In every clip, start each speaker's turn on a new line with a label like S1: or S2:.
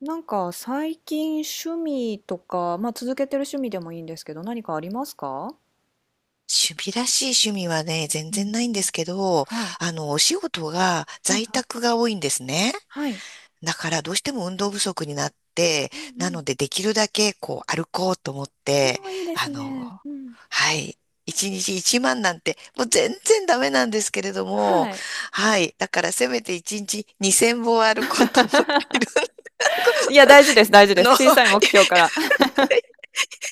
S1: なんか最近趣味とか、まあ続けてる趣味でもいいんですけど、何かありますか？
S2: 趣味らしい趣味はね、全
S1: うん
S2: 然ないん
S1: う
S2: で
S1: ん、
S2: すけど、
S1: はい。
S2: お仕事が
S1: はい
S2: 在
S1: はい。
S2: 宅が多いんですね。
S1: はい。
S2: だからどうしても運動不足になって、
S1: うんう
S2: な
S1: ん。
S2: のでできるだけこう歩こうと思って、
S1: おー、いいです
S2: あ
S1: ね。
S2: の、
S1: うん。
S2: はい。一日一万なんて、もう全然ダメなんですけれども、
S1: はい。
S2: はい。だからせめて一日二千歩歩こうと思っている。
S1: いや、大事です、大事
S2: あ
S1: です。
S2: の、
S1: 小さい 目標から。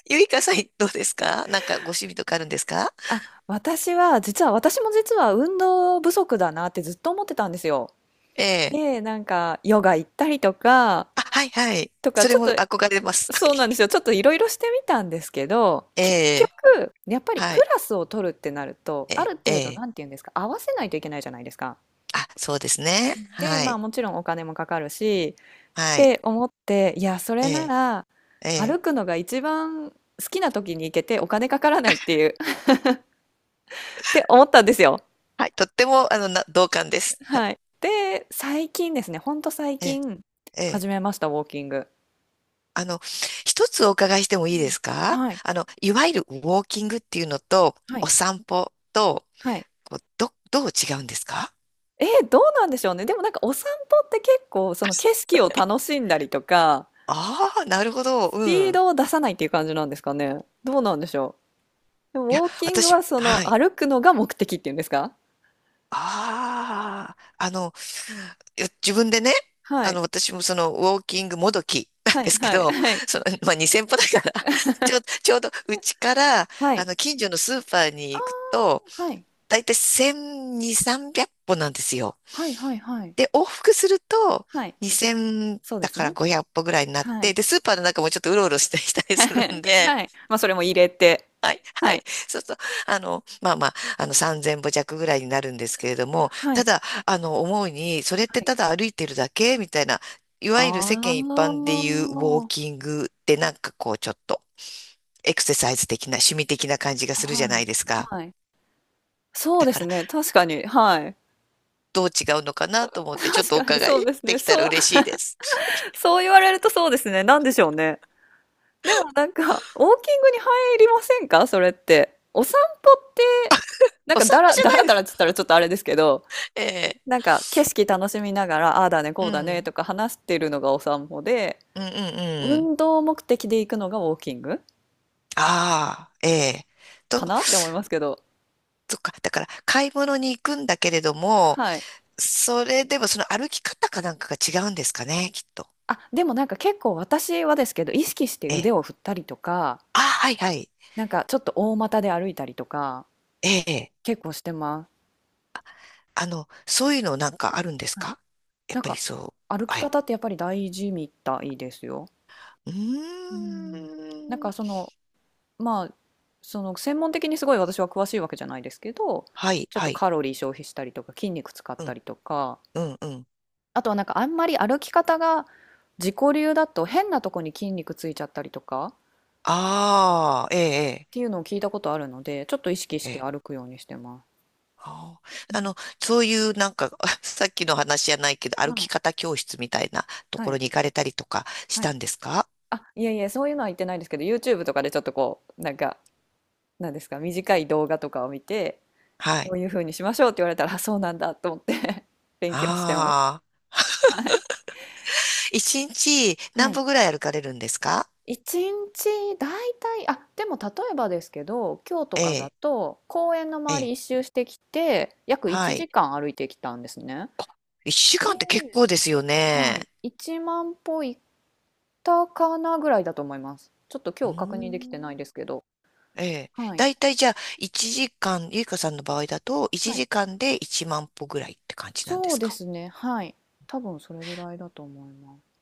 S2: ゆいかさん、どうですか？なんかご趣味とかあるんですか？
S1: あ、私も実は運動不足だなってずっと思ってたんですよ。
S2: ええ。
S1: で、なんか、ヨガ行ったりとか、
S2: あ、はいはい。それ
S1: ちょっ
S2: も
S1: と、
S2: 憧れます。は
S1: そうなんです
S2: い。
S1: よ。ちょっといろいろしてみたんですけど、
S2: え
S1: 結
S2: え、
S1: 局、やっぱり
S2: は
S1: ク
S2: い。
S1: ラスを取るってなると、
S2: え
S1: あ
S2: え、
S1: る
S2: え
S1: 程度、
S2: え。
S1: なんていうんですか、合わせないといけないじゃないですか。
S2: あ、そうですね。
S1: で、
S2: は
S1: まあ
S2: い。
S1: もちろんお金もかかるし、っ
S2: はい。
S1: て思って、いや、そ
S2: え
S1: れな
S2: え、
S1: ら、
S2: え
S1: 歩
S2: え。
S1: くのが一番好きな時に行けてお金かからないっていう って思ったんですよ。
S2: はい。とっても、同感です。
S1: はい。で、最近ですね、ほんと最
S2: ええ、
S1: 近
S2: ええ。
S1: 始めました、ウォーキング。
S2: あの、一つお伺いしても
S1: う
S2: いいで
S1: ん、
S2: すか？
S1: はい。
S2: いわゆるウォーキングっていうのと、
S1: は
S2: お
S1: い。
S2: 散歩と、
S1: はい。
S2: どう違うんですか？
S1: どうなんでしょうね。でもなんかお散歩って結構その景色を楽しんだりとか、
S2: ああー、なるほど。
S1: ス
S2: う
S1: ピー
S2: ん。
S1: ドを出さないっていう感じなんですかね。どうなんでしょう。で
S2: いや、
S1: もウォーキング
S2: 私、
S1: はそ
S2: は
S1: の
S2: い。
S1: 歩くのが目的っていうんですか？
S2: ああ、いや自分でね、
S1: はい。
S2: 私もウォーキングもどき なん
S1: は
S2: で
S1: い、
S2: すけ
S1: はい、
S2: ど、
S1: はい。
S2: まあ、2000歩だから ちょう、ちょうど、うちから、
S1: はい。
S2: 近所のスーパーに
S1: あ
S2: 行くと、
S1: あ、はい。
S2: だいたい1200、300歩なんですよ。
S1: はい、はい、はい。
S2: で、往復すると、
S1: はい。
S2: 2000
S1: そうで
S2: だ
S1: す
S2: から
S1: ね。
S2: 500歩ぐらいになっ
S1: はい。
S2: て、で、スーパーの中もちょっとうろうろしたりする んで、
S1: はい。まあ、それも入れて。
S2: はい、は
S1: は
S2: い。
S1: い。
S2: そうすると、まあまあ、3000歩弱ぐらいになるんですけれども、
S1: は
S2: た
S1: い。
S2: だ、思うに、それっ
S1: は
S2: て
S1: い。
S2: ただ歩いてるだけみたいな、いわゆる世
S1: ああ、
S2: 間一般でいうウォーキングってなんかこう、ちょっとエクササイズ的な、趣味的な感じがするじゃ
S1: は
S2: ない
S1: い。
S2: ですか。
S1: はい。そう
S2: だ
S1: で
S2: か
S1: す
S2: ら、
S1: ね。確かに。はい。
S2: どう違うのかなと 思って、ちょっ
S1: 確
S2: とお
S1: かに
S2: 伺
S1: そう
S2: い
S1: です
S2: で
S1: ね。
S2: きたら
S1: そう、
S2: 嬉 しいです。
S1: そう言われるとそうですね。なんでしょうね。でもなんか、ウォーキングに入りませんか、それって。お散歩って、なん
S2: お
S1: か
S2: 散歩じゃ
S1: だ
S2: ない
S1: ら
S2: で
S1: だらって言っ
S2: す。
S1: たらちょっとあれですけど、
S2: ええ、
S1: なんか景色楽しみながら、ああだね、
S2: う
S1: こうだね
S2: ん、
S1: とか話してるのがお散歩で、
S2: うん、うん、うん。
S1: 運動目的で行くのがウォーキング
S2: ああ、ええ。と、
S1: かなって思いますけど。
S2: そっか。だから、買い物に行くんだけれども、
S1: はい。
S2: それでもその歩き方かなんかが違うんですかね、きっと。
S1: あ、でもなんか結構私はですけど、意識して
S2: え
S1: 腕
S2: え。
S1: を振ったりとか、
S2: あ、はいはい。
S1: なんかちょっと大股で歩いたりとか、
S2: ええ。
S1: 結構してま
S2: そういうのなんかあるんです
S1: す。
S2: か？やっ
S1: なん
S2: ぱり
S1: か
S2: そう。
S1: 歩き
S2: はい。
S1: 方ってやっぱり大事みたいですよ。
S2: う
S1: うん。なん
S2: ー
S1: か
S2: ん。
S1: その、まあ、その専門的にすごい私は詳しいわけじゃないですけど、
S2: はい
S1: ちょっ
S2: は
S1: と
S2: い。
S1: カロリー消費したりとか、筋肉使っ
S2: う
S1: た
S2: ん、
S1: りとか、
S2: うん、うん。
S1: あとはなんかあんまり歩き方が自己流だと変なとこに筋肉ついちゃったりとかっ
S2: ああ、ええ、
S1: ていうのを聞いたことあるので、ちょっと意識し
S2: ええ。
S1: て
S2: え
S1: 歩
S2: え。
S1: くようにしてます。
S2: あ
S1: う
S2: ー、
S1: ん、
S2: そういうなんか、さっきの話じゃないけど、歩
S1: は
S2: き
S1: い
S2: 方教室みたいなと
S1: は
S2: ころ
S1: い
S2: に行かれたりとかし
S1: は
S2: た
S1: い、
S2: んですか？
S1: あ、いえいえ、そういうのは言ってないですけど、 YouTube とかでちょっとこう、なんか、なんですか、短い動画とかを見て、
S2: は
S1: こ
S2: い。
S1: ういうふうにしましょうって言われたら、あ、そうなんだと思って 勉強してます。
S2: ああ。
S1: はい。
S2: 一日
S1: は
S2: 何
S1: い。
S2: 歩ぐらい歩かれるんですか？
S1: 一日だいたい、あ、でも例えばですけど、今日とかだ
S2: ええ。
S1: と公園の
S2: え
S1: 周り
S2: え、
S1: 一周してきて、約
S2: は
S1: 1
S2: い。
S1: 時間歩いてきたんですね。
S2: 1時
S1: で、
S2: 間って結構ですよ
S1: は
S2: ね。
S1: い、1万歩行ったかなぐらいだと思います。ちょっと
S2: う
S1: 今日確認できてな
S2: ー
S1: い
S2: ん。
S1: ですけど、
S2: ええ。
S1: はい、
S2: だいたいじゃあ、1時間、ゆいかさんの場合だと、1
S1: はい、
S2: 時間で1万歩ぐらいって感じなんで
S1: そう
S2: す
S1: で
S2: か？
S1: すね、はい、多分それぐらいだと思います。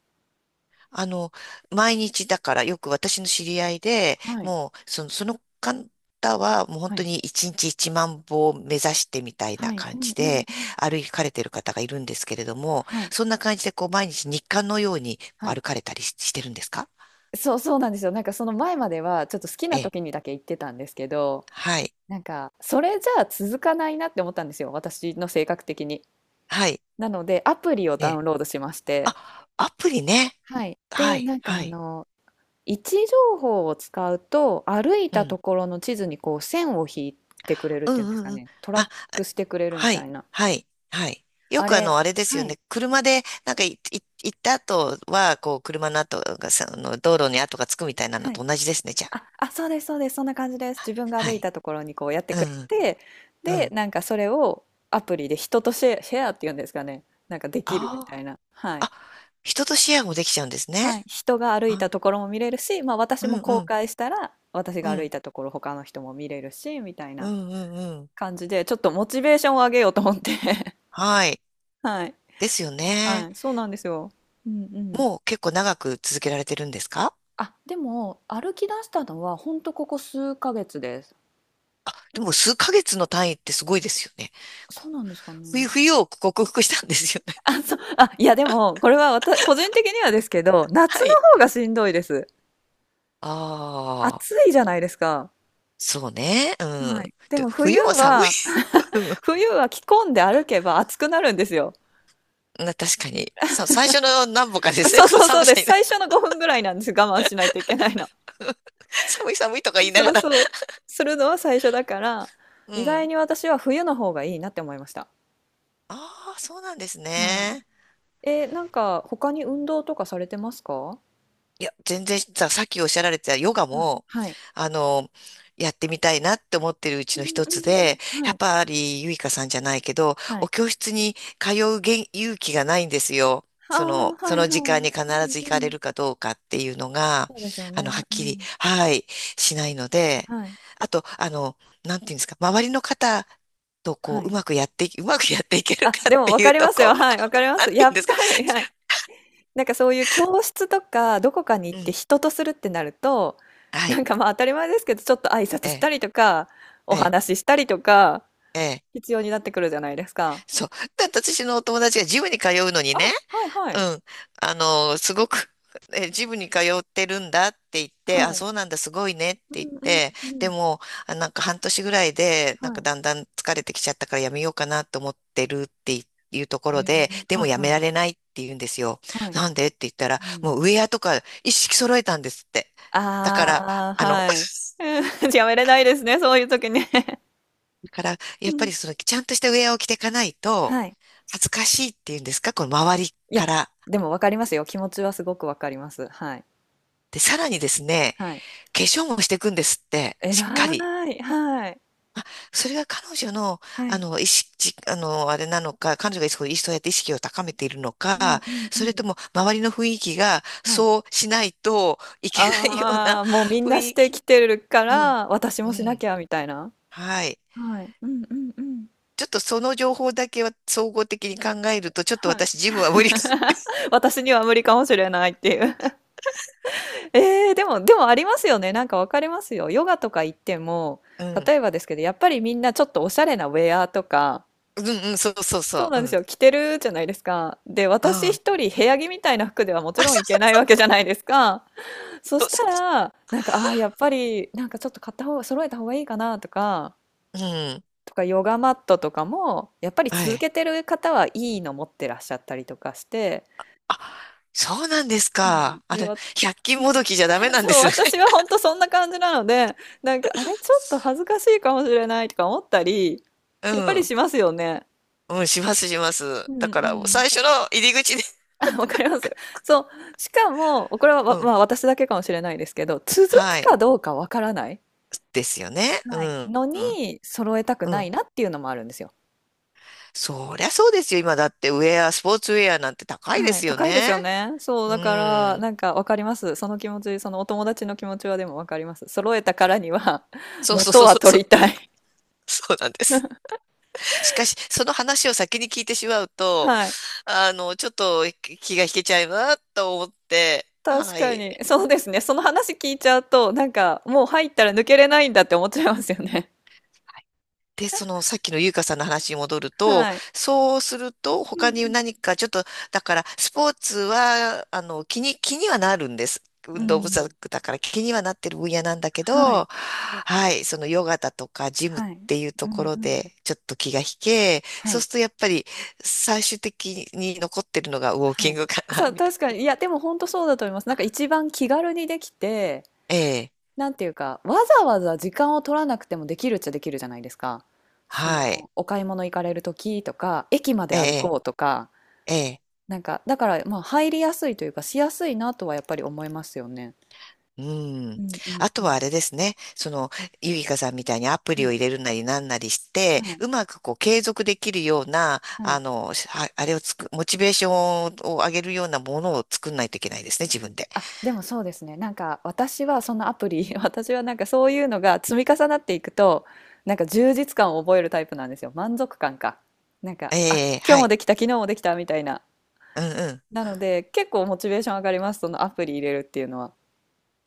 S2: あの、毎日だから、よく私の知り合いで、
S1: はい、
S2: もう、その方は、もう本
S1: は
S2: 当
S1: い、
S2: に1日1万歩を目指してみたいな
S1: はい、う
S2: 感
S1: ん
S2: じ
S1: うん
S2: で、
S1: うん、
S2: 歩かれてる方がいるんですけれども、
S1: はい、
S2: そんな感じで、こう、毎日日課のように
S1: はい。
S2: 歩かれたりしてるんですか？
S1: そう、そうなんですよ。なんかその前まではちょっと好き
S2: え
S1: な
S2: え。
S1: 時にだけ行ってたんですけど、
S2: はい。
S1: なんかそれじゃあ続かないなって思ったんですよ、私の性格的に。
S2: はい。
S1: なのでアプリを
S2: え
S1: ダ
S2: え。
S1: ウンロードしまして、
S2: あ、アプリね。
S1: はい。
S2: は
S1: で、
S2: い、
S1: なんか
S2: は
S1: あ
S2: い。
S1: の、位置情報を使うと、歩い
S2: う
S1: たと
S2: ん。
S1: ころの地図にこう線を引いてくれるっ
S2: う
S1: ていう
S2: ん
S1: んですか
S2: うんうん。
S1: ね、トラッ
S2: あ、
S1: クしてくれるみ
S2: は
S1: た
S2: い、
S1: いな。
S2: はい、はい。よ
S1: あ
S2: く
S1: れ、
S2: あれです
S1: は
S2: よ
S1: い、
S2: ね。車で、なんか行った後は、こう、車の跡がさ、道路に跡がつくみたいなの
S1: はい。
S2: と同じですね、じゃあ。
S1: あ、そうですそうです。そんな感じです。自分が
S2: は
S1: 歩い
S2: い。
S1: たところにこうやって
S2: う
S1: くれ
S2: ん、
S1: て、
S2: う
S1: で、
S2: ん。
S1: なんかそれをアプリで人とシェアっていうんですかね。なんかできるみた
S2: あ
S1: いな。は
S2: あ。
S1: い。
S2: あ、人とシェアもできちゃうんですね。
S1: はい。人が歩い
S2: はい。
S1: たところも見れるし、まあ私
S2: うん、
S1: も
S2: う
S1: 公
S2: ん、
S1: 開したら、私
S2: う
S1: が歩い
S2: ん、
S1: たところ他の人も見れるし、みたい
S2: う
S1: な
S2: ん、うん、うん。
S1: 感じで、ちょっとモチベーションを上げようと思って。
S2: はい。
S1: はい。
S2: ですよね。
S1: はい。そうなんですよ。うんうん。
S2: もう結構長く続けられてるんですか？
S1: あ、でも歩き出したのはほんとここ数ヶ月です。
S2: でも数ヶ月の単位ってすごいですよね。
S1: そうなんですかね。
S2: 冬を克服したんですよね。
S1: あ、そう、あ、いやでも、これは個人的にはですけど、夏
S2: はい。
S1: の方がしんどいです。
S2: ああ、
S1: 暑いじゃないですか。
S2: そうね。うん。
S1: はい。で
S2: で
S1: も冬
S2: 冬は寒い。
S1: は、
S2: うん。
S1: 冬は着込んで歩けば暑くなるんですよ。
S2: 確かに。最初の何歩かですね。
S1: そう
S2: この
S1: そうそう
S2: 寒
S1: で
S2: さ
S1: す。
S2: にな、
S1: 最初の5分ぐらいなんです。我慢しないといけないの。
S2: 寒い寒いとか言いな
S1: そ
S2: が
S1: う
S2: ら。
S1: そう。するのは最初だから、
S2: う
S1: 意外
S2: ん。
S1: に私は冬の方がいいなって思いました。
S2: ああ、そうなんです
S1: はい。
S2: ね。
S1: なんか、他に運動とかされてますか？は
S2: いや、全然さっきおっしゃられてたヨガ
S1: い。
S2: も、
S1: はい。
S2: あの、やってみたいなって思ってるう
S1: う
S2: ち
S1: ん
S2: の
S1: うん
S2: 一つ
S1: う
S2: で、
S1: ん。は
S2: やっ
S1: い。
S2: ぱりゆいかさんじゃないけど、
S1: は
S2: お
S1: い。
S2: 教室に通う勇気がないんですよ。
S1: あ
S2: そ
S1: あ、
S2: の、
S1: は
S2: そ
S1: い
S2: の時
S1: は
S2: 間に
S1: い。
S2: 必
S1: うん
S2: ず行
S1: う
S2: かれ
S1: ん。
S2: るかどうかっていうのが、
S1: そうですよ
S2: は
S1: ね。
S2: っ
S1: う
S2: きり、
S1: ん。
S2: はい、しないので、
S1: はい。
S2: あと、なんていうんですか、周りの方とこ
S1: は
S2: う、
S1: い。
S2: うまくやっていける
S1: あ、
S2: かっ
S1: でも分
S2: てい
S1: か
S2: う
S1: り
S2: と
S1: ます
S2: こ、
S1: よ。はい、分かり ま
S2: な
S1: す。
S2: んてい
S1: や
S2: うん
S1: っ
S2: ですか、
S1: ぱり、はい。なんかそういう教室とか、どこかに行
S2: う
S1: って
S2: ん、
S1: 人とするってなると、
S2: は
S1: な
S2: い、
S1: んかまあ当たり前ですけど、ちょっと挨拶
S2: え
S1: した
S2: え、
S1: りとか、お
S2: ええ、
S1: 話ししたりとか、
S2: ええ。
S1: 必要になってくるじゃないですか。
S2: そう。だって私のお友達がジムに通うのに
S1: あ、
S2: ね、
S1: はいは
S2: う
S1: い。
S2: ん、すごく、ジムに通ってるんだって言って、
S1: は
S2: あ、
S1: い。
S2: そうなんだ、すごいねって
S1: う
S2: 言っ
S1: んうん
S2: て、
S1: う
S2: で
S1: ん。
S2: も、あ、なんか半年ぐらいで、なん
S1: は
S2: か
S1: い。
S2: だんだん疲れてきちゃったからやめようかなと思ってるっていいうとこ
S1: へ
S2: ろで、
S1: え、
S2: でも
S1: はい
S2: やめ
S1: はい。
S2: られないって言うんですよ。
S1: はい。
S2: なんでって言ったら、
S1: うん。
S2: もうウェアとか一式揃えたんですって。だから、
S1: ああ、
S2: あの、
S1: はい。うん、 やめれないですね、そういう時ね。
S2: だから、や
S1: う
S2: っぱ
S1: ん。
S2: りその、ちゃんとしたウェアを着ていかないと、
S1: はい。
S2: 恥ずかしいっていうんですか、この周り
S1: いや、
S2: から。
S1: でもわかりますよ。気持ちはすごくわかります。はい。
S2: で、さらにですね、
S1: はい。
S2: 化粧もしていくんですって、
S1: え
S2: しっかり。
S1: らい。はい。
S2: あ、それが彼女の、
S1: はい。
S2: 意識、あれなのか、彼女がそうやって意識を高めているの
S1: う
S2: か、
S1: んうんう
S2: それと
S1: ん。
S2: も周りの雰囲気が
S1: はい。
S2: そうしないといけないよう
S1: あ
S2: な
S1: あ、もうみん
S2: 雰
S1: なし
S2: 囲
S1: て
S2: 気。
S1: きてるか
S2: うん、
S1: ら、私
S2: う
S1: もしな
S2: ん、
S1: きゃみたいな。
S2: はい。
S1: はい。うんうんうん。
S2: ちょっとその情報だけは総合的に考えると、ちょっと
S1: はい。
S2: 私自分は無理か。
S1: 私には無理かもしれないっていう。ええ、でもありますよね。なんかわかりますよ。ヨガとか行っても、
S2: うん、
S1: 例えばですけど、やっぱりみんなちょっとおしゃれなウェアとか、
S2: うん、うん、そうそう
S1: そう
S2: そ
S1: な
S2: う、
S1: ん
S2: う
S1: です
S2: ん、
S1: よ。着てるじゃないですか。で、私
S2: ああ、
S1: 一人部屋着みたいな服ではもちろんいけ ないわけじゃないですか。そ
S2: そ
S1: し
S2: う
S1: た
S2: そうそ
S1: ら、なんか、ああ、やっぱり、なんかちょっと買った方が、揃えた方がいいかなとか、
S2: う、うん、
S1: ヨガマットとかも、やっぱり
S2: は
S1: 続
S2: い。
S1: けてる方はいいの持ってらっしゃったりとかして、
S2: あ、そうなんです
S1: は
S2: か？
S1: い。
S2: あ
S1: で、
S2: れ、百均
S1: うん。
S2: もどきじゃダメ なんで
S1: そう、
S2: すね。
S1: 私は本当そんな感じなので、なんか、あれ、ちょっと恥ずかしいかもしれないとか思ったり、
S2: う
S1: やっぱり
S2: ん。
S1: しますよね。
S2: うん、します、します。
S1: う
S2: だ
S1: ん
S2: か
S1: う
S2: ら、もう
S1: ん。
S2: 最初の入り口で。
S1: わかります。そう。しかも、これは、
S2: う
S1: ま、
S2: ん。
S1: まあ、私だけかもしれないですけど、続く
S2: はい。
S1: かどうかわからない、
S2: ですよね。う
S1: はい、
S2: ん。
S1: のに、
S2: うん。
S1: 揃えたく
S2: う
S1: ない
S2: ん。
S1: なっていうのもあるんですよ。
S2: そりゃそうですよ。今だってウェア、スポーツウェアなんて高いで
S1: はい。
S2: すよ
S1: 高いです
S2: ね。
S1: よね。そう、
S2: う
S1: だから、
S2: ん。
S1: なんかわかります。その気持ち、そのお友達の気持ちはでもわかります。揃えたからには、
S2: そうそう
S1: 元
S2: そう
S1: は
S2: そうそ
S1: 取り
S2: う。
S1: たい。
S2: そうなんです。しかし、その話を先に聞いてしまうと、
S1: はい。
S2: ちょっと気が引けちゃいなと思って、
S1: 確
S2: は
S1: か
S2: い。
S1: に。そうですね。その話聞いちゃうと、なんか、もう入ったら抜けれないんだって思っちゃいますよね。
S2: で、そのさっきの優香さんの話に戻ると、
S1: はい。
S2: そうすると
S1: う
S2: 他に
S1: ん
S2: 何かちょっと、だからスポーツは、気にはなるんです。
S1: う
S2: 運
S1: ん。
S2: 動
S1: う
S2: 不足
S1: ん。
S2: だから気にはなってる分野なんだけ
S1: はい。
S2: ど、はい、そのヨガだとかジムっ
S1: はい。
S2: ていう
S1: う
S2: とこ
S1: ん
S2: ろ
S1: うん。
S2: でちょっと気が引け、
S1: は
S2: そう
S1: い。
S2: するとやっぱり最終的に残ってるのがウォー
S1: は
S2: キン
S1: い。
S2: グかな、
S1: そう、
S2: みた
S1: 確か
S2: い
S1: に。いや、でも本当そうだと思います。なんか一番気軽にできて、
S2: な。ええ、
S1: なんていうか、わざわざ時間を取らなくてもできるっちゃできるじゃないですか。そ
S2: はい、
S1: の、お買い物行かれる時とか、駅ま
S2: え
S1: で歩
S2: え、
S1: こうとか、
S2: ええ。
S1: なんか、だから、まあ、入りやすいというか、しやすいなとはやっぱり思いますよね。
S2: う
S1: う
S2: ん。
S1: んうん
S2: あ
S1: う
S2: とはあ
S1: ん。
S2: れですね。ゆいかさんみたいにアプ
S1: は
S2: リを
S1: い。
S2: 入れるなりなんなりして、
S1: はい。
S2: うまくこう継続できるような、
S1: はい。
S2: はあれをつく、モチベーションを上げるようなものを作んないといけないですね、自分で。
S1: あ、でもそうですね。なんか私はそのアプリ、私はなんかそういうのが積み重なっていくと、なんか充実感を覚えるタイプなんですよ。満足感か。なんか、あ、
S2: ええ、
S1: 今日
S2: は
S1: も
S2: い。
S1: できた、昨日もできたみたいな。
S2: うんうん。
S1: なので、結構モチベーション上がります。そのアプリ入れるっていうのは。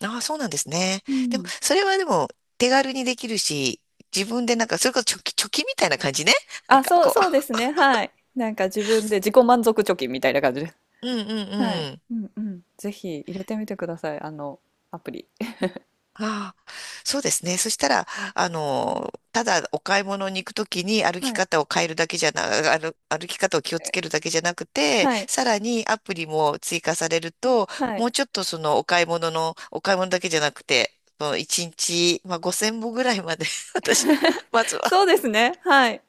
S2: ああ、そうなんですね。
S1: う
S2: でも、
S1: ん。
S2: それはでも、手軽にできるし、自分でなんか、それこそ貯金みたいな感じね。なん
S1: あ、
S2: か
S1: そう
S2: こ
S1: そうですね。はい。なんか自分で自己満足貯金みたいな感じです。
S2: う。うん
S1: はい。
S2: うん。
S1: うんうん。ぜひ入れてみてください。あの、アプリ。
S2: ああ、そうですね。そしたら、ただお買い物に行くときに歩き
S1: はい。
S2: 方を変えるだけじゃな、歩、歩き方を気をつ
S1: え、
S2: けるだけじゃなくて、
S1: はい。
S2: さらにアプリも追加されると、
S1: はい。
S2: もうちょっとそのお買い物だけじゃなくて、その1日、まあ、5000歩ぐらいまで 私は、まずは、
S1: そうですね。はい。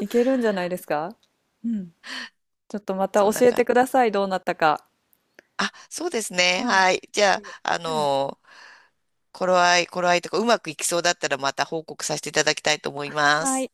S1: いけるんじゃないですか？うん。ちょっとまた
S2: そ
S1: 教
S2: んな
S1: え
S2: 感
S1: てく
S2: じ。
S1: ださい。どうなったか。
S2: あ、そうですね。
S1: はい。
S2: はい。じゃ
S1: で、
S2: あ、
S1: はい。
S2: 頃合いとか、うまくいきそうだったらまた報告させていただきたいと思いま
S1: は
S2: す。
S1: い。